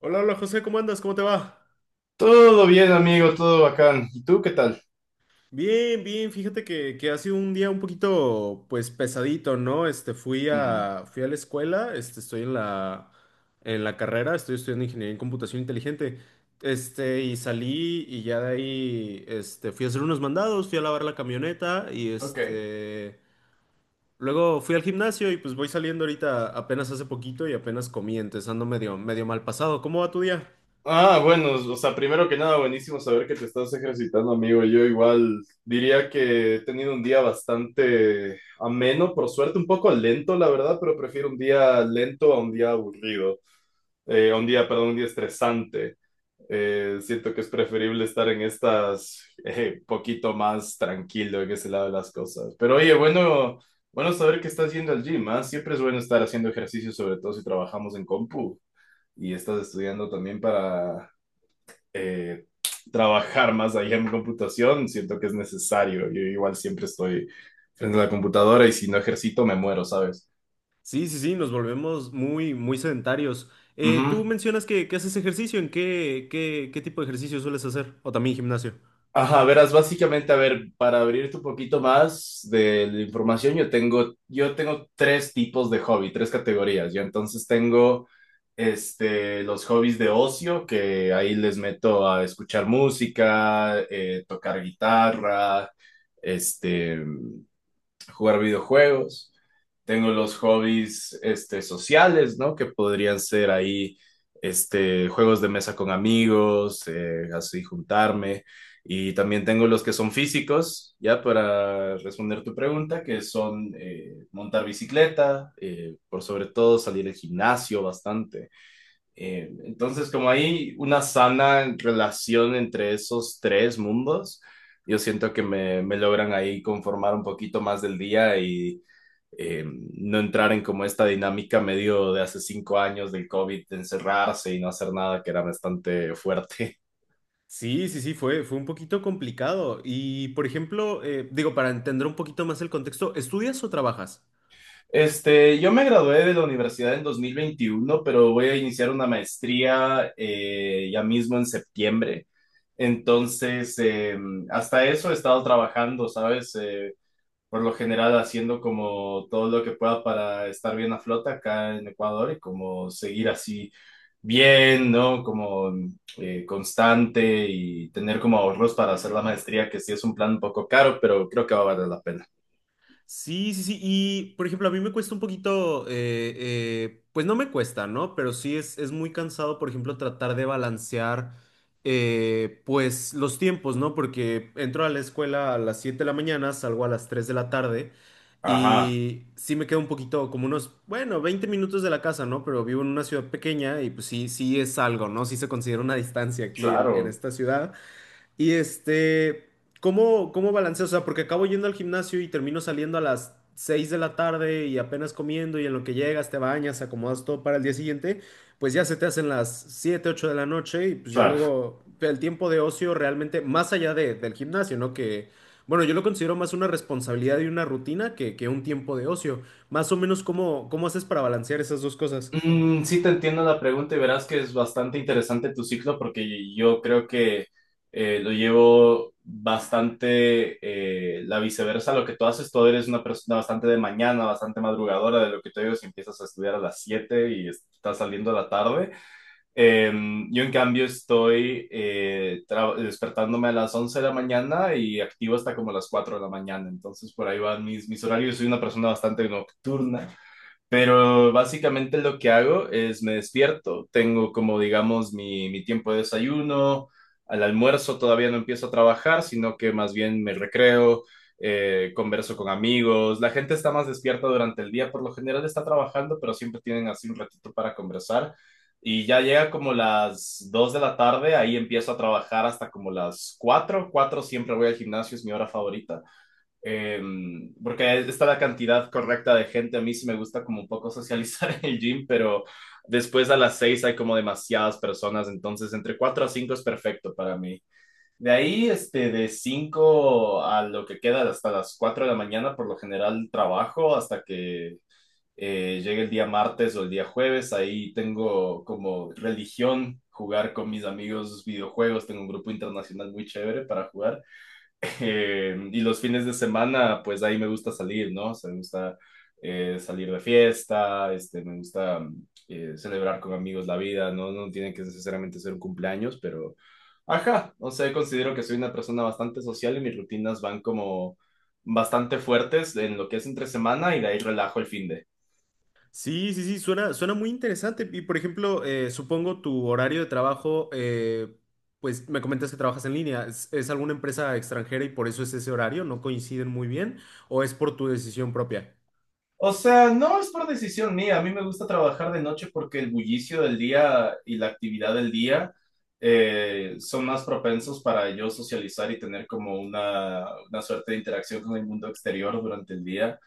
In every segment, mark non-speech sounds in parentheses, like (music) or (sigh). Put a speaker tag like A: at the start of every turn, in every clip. A: Hola, hola José, ¿cómo andas? ¿Cómo te va?
B: Todo bien, amigo, todo bacán. ¿Y tú qué tal?
A: Bien, bien, fíjate que ha sido un día un poquito, pues, pesadito, ¿no? Este,
B: Mm.
A: fui a la escuela, este, en la carrera, estoy estudiando ingeniería en computación inteligente, este, y salí y ya de ahí, este, fui a hacer unos mandados, fui a lavar la camioneta y,
B: Ok.
A: este, luego fui al gimnasio y pues voy saliendo ahorita apenas hace poquito y apenas comí, entonces ando medio, medio mal pasado. ¿Cómo va tu día?
B: Bueno, o sea, primero que nada, buenísimo saber que te estás ejercitando, amigo. Yo igual diría que he tenido un día bastante ameno, por suerte, un poco lento, la verdad, pero prefiero un día lento a un día aburrido. A un día, perdón, un día estresante. Siento que es preferible estar en estas, poquito más tranquilo en ese lado de las cosas. Pero oye, bueno saber que estás yendo al gym, ¿ah? Siempre es bueno estar haciendo ejercicio, sobre todo si trabajamos en compu y estás estudiando también para eh, trabajar más allá en computación. Siento que es necesario. Yo igual siempre estoy frente a la computadora y si no ejercito me muero, ¿sabes?
A: Sí, sí, sí, nos volvemos muy, muy sedentarios.
B: Ujú.
A: Tú mencionas que haces ejercicio, ¿en qué, qué tipo de ejercicio sueles hacer? O también gimnasio.
B: Ajá, verás, básicamente, a ver, para abrirte un poquito más de la información, yo tengo tres tipos de hobby, tres categorías. Yo entonces tengo los hobbies de ocio, que ahí les meto a escuchar música, tocar guitarra, este, jugar videojuegos. Tengo los hobbies sociales, ¿no? Que podrían ser ahí juegos de mesa con amigos, así juntarme. Y también tengo los que son físicos, ya para responder tu pregunta, que son montar bicicleta, por sobre todo salir al gimnasio bastante. Entonces, como hay una sana relación entre esos tres mundos, yo siento que me logran ahí conformar un poquito más del día y eh, no entrar en como esta dinámica medio de hace 5 años del COVID, de encerrarse y no hacer nada, que era bastante fuerte. (laughs)
A: Sí, sí, sí, fue, fue un poquito complicado. Y, por ejemplo, digo, para entender un poquito más el contexto, ¿estudias o trabajas?
B: Este, yo me gradué de la universidad en 2021, pero voy a iniciar una maestría ya mismo en septiembre. Entonces, hasta eso he estado trabajando, ¿sabes? Por lo general haciendo como todo lo que pueda para estar bien a flote acá en Ecuador y como seguir así bien, ¿no? Como constante y tener como ahorros para hacer la maestría, que sí es un plan un poco caro, pero creo que va a valer la pena.
A: Sí, sí, sí. Y, por ejemplo, a mí me cuesta un poquito, pues no me cuesta, ¿no? Pero sí es muy cansado, por ejemplo, tratar de balancear, pues, los tiempos, ¿no? Porque entro a la escuela a las 7 de la mañana, salgo a las 3 de la tarde
B: Ajá,
A: y sí me quedo un poquito, como unos, bueno, 20 minutos de la casa, ¿no? Pero vivo en una ciudad pequeña y pues sí, sí es algo, ¿no? Sí se considera una distancia en
B: claro,
A: esta ciudad. Y este, ¿cómo, cómo balanceas? O sea, porque acabo yendo al gimnasio y termino saliendo a las 6 de la tarde y apenas comiendo y en lo que llegas te bañas, acomodas todo para el día siguiente, pues ya se te hacen las 7 u 8 de la noche y pues ya
B: claro.
A: luego el tiempo de ocio realmente, más allá del gimnasio, ¿no? Que, bueno, yo lo considero más una responsabilidad y una rutina que un tiempo de ocio. Más o menos, ¿cómo, cómo haces para balancear esas dos cosas?
B: Mm, sí te entiendo la pregunta, y verás que es bastante interesante tu ciclo, porque yo creo que lo llevo bastante la viceversa lo que tú haces. Tú eres una persona bastante de mañana, bastante madrugadora, de lo que te digo si empiezas a estudiar a las 7 y estás saliendo a la tarde. Eh, yo en cambio estoy despertándome a las 11 de la mañana y activo hasta como las 4 de la mañana. Entonces por ahí van mis horarios. Soy una persona bastante nocturna. Pero básicamente lo que hago es me despierto, tengo como digamos mi tiempo de desayuno. Al almuerzo todavía no empiezo a trabajar, sino que más bien me recreo, converso con amigos. La gente está más despierta durante el día, por lo general está trabajando, pero siempre tienen así un ratito para conversar, y ya llega como las 2 de la tarde, ahí empiezo a trabajar hasta como las cuatro. Siempre voy al gimnasio, es mi hora favorita. Eh, porque está la cantidad correcta de gente. A mí sí me gusta como un poco (laughs) socializar en el gym, pero después a las 6 hay como demasiadas personas, entonces entre 4 a 5 es perfecto para mí. De ahí, de 5 a lo que queda, hasta las 4 de la mañana, por lo general trabajo hasta que llegue el día martes o el día jueves. Ahí tengo como religión jugar con mis amigos videojuegos. Tengo un grupo internacional muy chévere para jugar. Y los fines de semana, pues ahí me gusta salir, ¿no? O sea, me gusta salir de fiesta. Me gusta, celebrar con amigos la vida, ¿no? No tiene que necesariamente ser un cumpleaños, pero, ajá, o sea, considero que soy una persona bastante social, y mis rutinas van como bastante fuertes en lo que es entre semana, y de ahí relajo el fin de.
A: Sí, sí, sí, suena, suena muy interesante. Y por ejemplo, supongo tu horario de trabajo, pues me comentas que trabajas en línea. Es alguna empresa extranjera y por eso es ese horario? ¿No coinciden muy bien? ¿O es por tu decisión propia?
B: O sea, no es por decisión mía. A mí me gusta trabajar de noche porque el bullicio del día y la actividad del día son más propensos para yo socializar y tener como una suerte de interacción con el mundo exterior durante el día.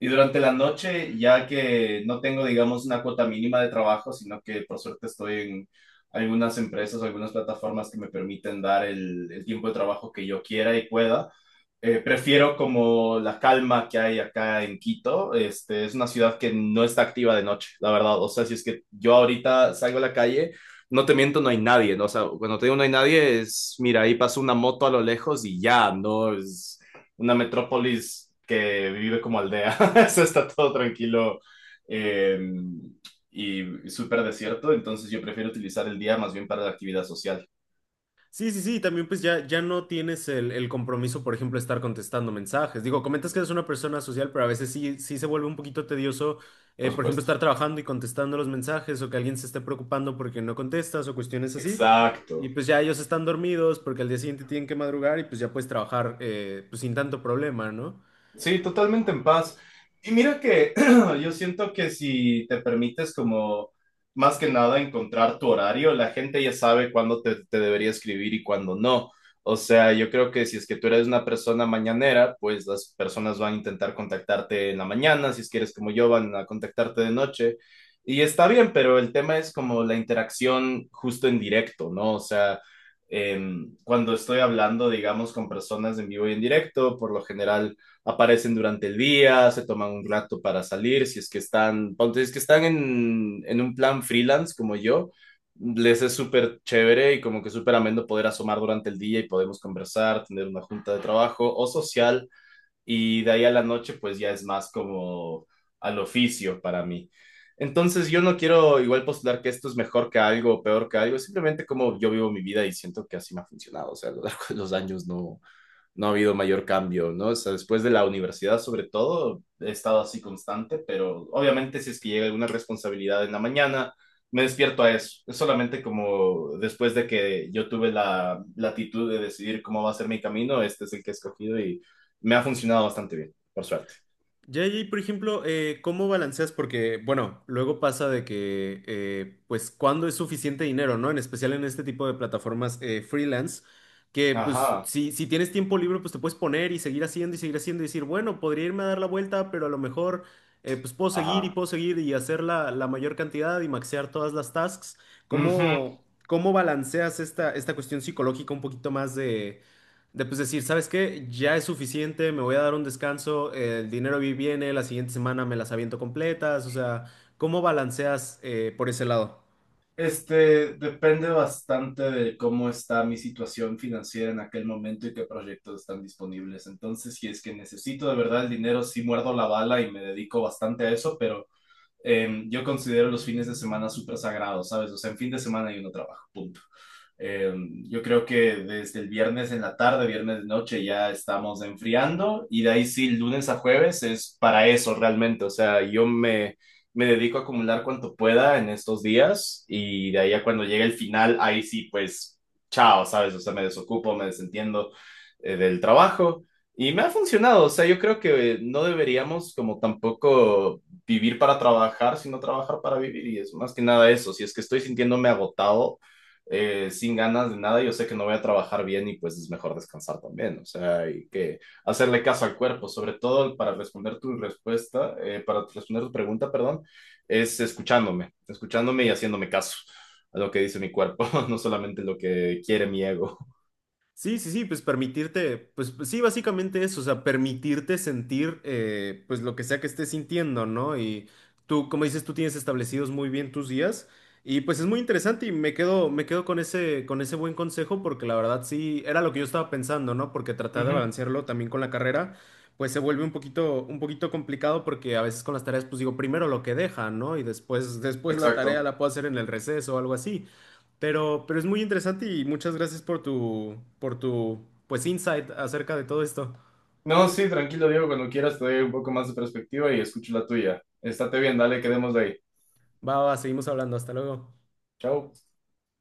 B: Y durante la noche, ya que no tengo, digamos, una cuota mínima de trabajo, sino que por suerte estoy en algunas empresas, algunas plataformas que me permiten dar el tiempo de trabajo que yo quiera y pueda. Prefiero como la calma que hay acá en Quito. Este es una ciudad que no está activa de noche, la verdad. O sea, si es que yo ahorita salgo a la calle, no te miento, no hay nadie, ¿no? O sea, cuando te digo no hay nadie, es, mira, ahí pasa una moto a lo lejos y ya, no es una metrópolis, que vive como aldea. (laughs) Eso está todo tranquilo eh, y súper desierto. Entonces yo prefiero utilizar el día más bien para la actividad social.
A: Sí, sí, sí, también pues ya, ya no tienes el compromiso, por ejemplo, de estar contestando mensajes. Digo, comentas que eres una persona social, pero a veces sí, sí se vuelve un poquito tedioso,
B: Por
A: por ejemplo,
B: supuesto.
A: estar trabajando y contestando los mensajes o que alguien se esté preocupando porque no contestas o cuestiones así.
B: Exacto.
A: Y pues ya ellos están dormidos porque al día siguiente tienen que madrugar y pues ya puedes trabajar pues sin tanto problema, ¿no?
B: Sí, totalmente en paz. Y mira que (clears throat) yo siento que si te permites, como más que nada, encontrar tu horario, la gente ya sabe cuándo te debería escribir y cuándo no. O sea, yo creo que si es que tú eres una persona mañanera, pues las personas van a intentar contactarte en la mañana; si es que eres como yo, van a contactarte de noche. Y está bien, pero el tema es como la interacción justo en directo, ¿no? O sea, cuando estoy hablando, digamos, con personas en vivo y en directo, por lo general aparecen durante el día, se toman un rato para salir, si es que están, ponte, si es que están en un plan freelance como yo, les es súper chévere, y como que súper ameno poder asomar durante el día y podemos conversar, tener una junta de trabajo o social, y de ahí a la noche pues ya es más como al oficio para mí. Entonces yo no quiero igual postular que esto es mejor que algo o peor que algo, simplemente como yo vivo mi vida y siento que así me ha funcionado. O sea, a lo largo de los años no, no ha habido mayor cambio, ¿no? O sea, después de la universidad, sobre todo, he estado así constante, pero obviamente si es que llega alguna responsabilidad en la mañana, me despierto a eso. Es solamente como después de que yo tuve la latitud de decidir cómo va a ser mi camino, este es el que he escogido, y me ha funcionado bastante bien, por suerte.
A: Ya y, por ejemplo, ¿cómo balanceas? Porque, bueno, luego pasa de que, pues, ¿cuándo es suficiente dinero, no? En especial en este tipo de plataformas freelance, que, pues,
B: Ajá,
A: si tienes tiempo libre, pues te puedes poner y seguir haciendo y seguir haciendo y decir, bueno, podría irme a dar la vuelta, pero a lo mejor, pues,
B: ajá.
A: puedo seguir y hacer la mayor cantidad y maxear todas las tasks.
B: Ujú.
A: ¿Cómo, cómo balanceas esta, esta cuestión psicológica un poquito más de pues decir, ¿sabes qué? Ya es suficiente, me voy a dar un descanso, el dinero viene, la siguiente semana me las aviento completas, o sea, ¿cómo balanceas por ese lado?
B: Este, depende bastante de cómo está mi situación financiera en aquel momento y qué proyectos están disponibles. Entonces, si es que necesito de verdad el dinero, sí muerdo la bala y me dedico bastante a eso, pero yo considero los fines de semana súper sagrados, ¿sabes? O sea, en fin de semana yo no trabajo, punto. Eh, yo creo que desde el viernes en la tarde, viernes de noche, ya estamos enfriando, y de ahí sí, lunes a jueves es para eso realmente. O sea, me dedico a acumular cuanto pueda en estos días, y de ahí a cuando llegue el final, ahí sí, pues chao, ¿sabes? O sea, me desocupo, me desentiendo del trabajo. Y me ha funcionado. O sea, yo creo que no deberíamos como tampoco vivir para trabajar, sino trabajar para vivir. Y es más que nada eso. Si es que estoy sintiéndome agotado, sin ganas de nada, yo sé que no voy a trabajar bien, y pues es mejor descansar también. O sea, hay que hacerle caso al cuerpo. Sobre todo, para responder tu respuesta, para responder tu pregunta, perdón, es escuchándome, escuchándome y haciéndome caso a lo que dice mi cuerpo, (laughs) no solamente lo que quiere mi ego.
A: Sí, sí, sí, pues permitirte, pues pues sí, básicamente eso, o sea, permitirte sentir pues lo que sea que estés sintiendo, ¿no? Y tú, como dices, tú tienes establecidos muy bien tus días y pues es muy interesante y me quedo con ese buen consejo porque la verdad sí, era lo que yo estaba pensando, ¿no? Porque tratar de
B: Ujú,
A: balancearlo también con la carrera, pues se vuelve un poquito complicado porque a veces con las tareas, pues digo, primero lo que deja, ¿no? Y después, después la tarea
B: exacto.
A: la puedo hacer en el receso o algo así. Pero es muy interesante y muchas gracias por tu, pues, insight acerca de todo esto.
B: No, sí, tranquilo, Diego, cuando quieras te doy un poco más de perspectiva y escucho la tuya. Estate bien, dale, quedemos de ahí.
A: Va, va, seguimos hablando. Hasta luego.
B: Chao.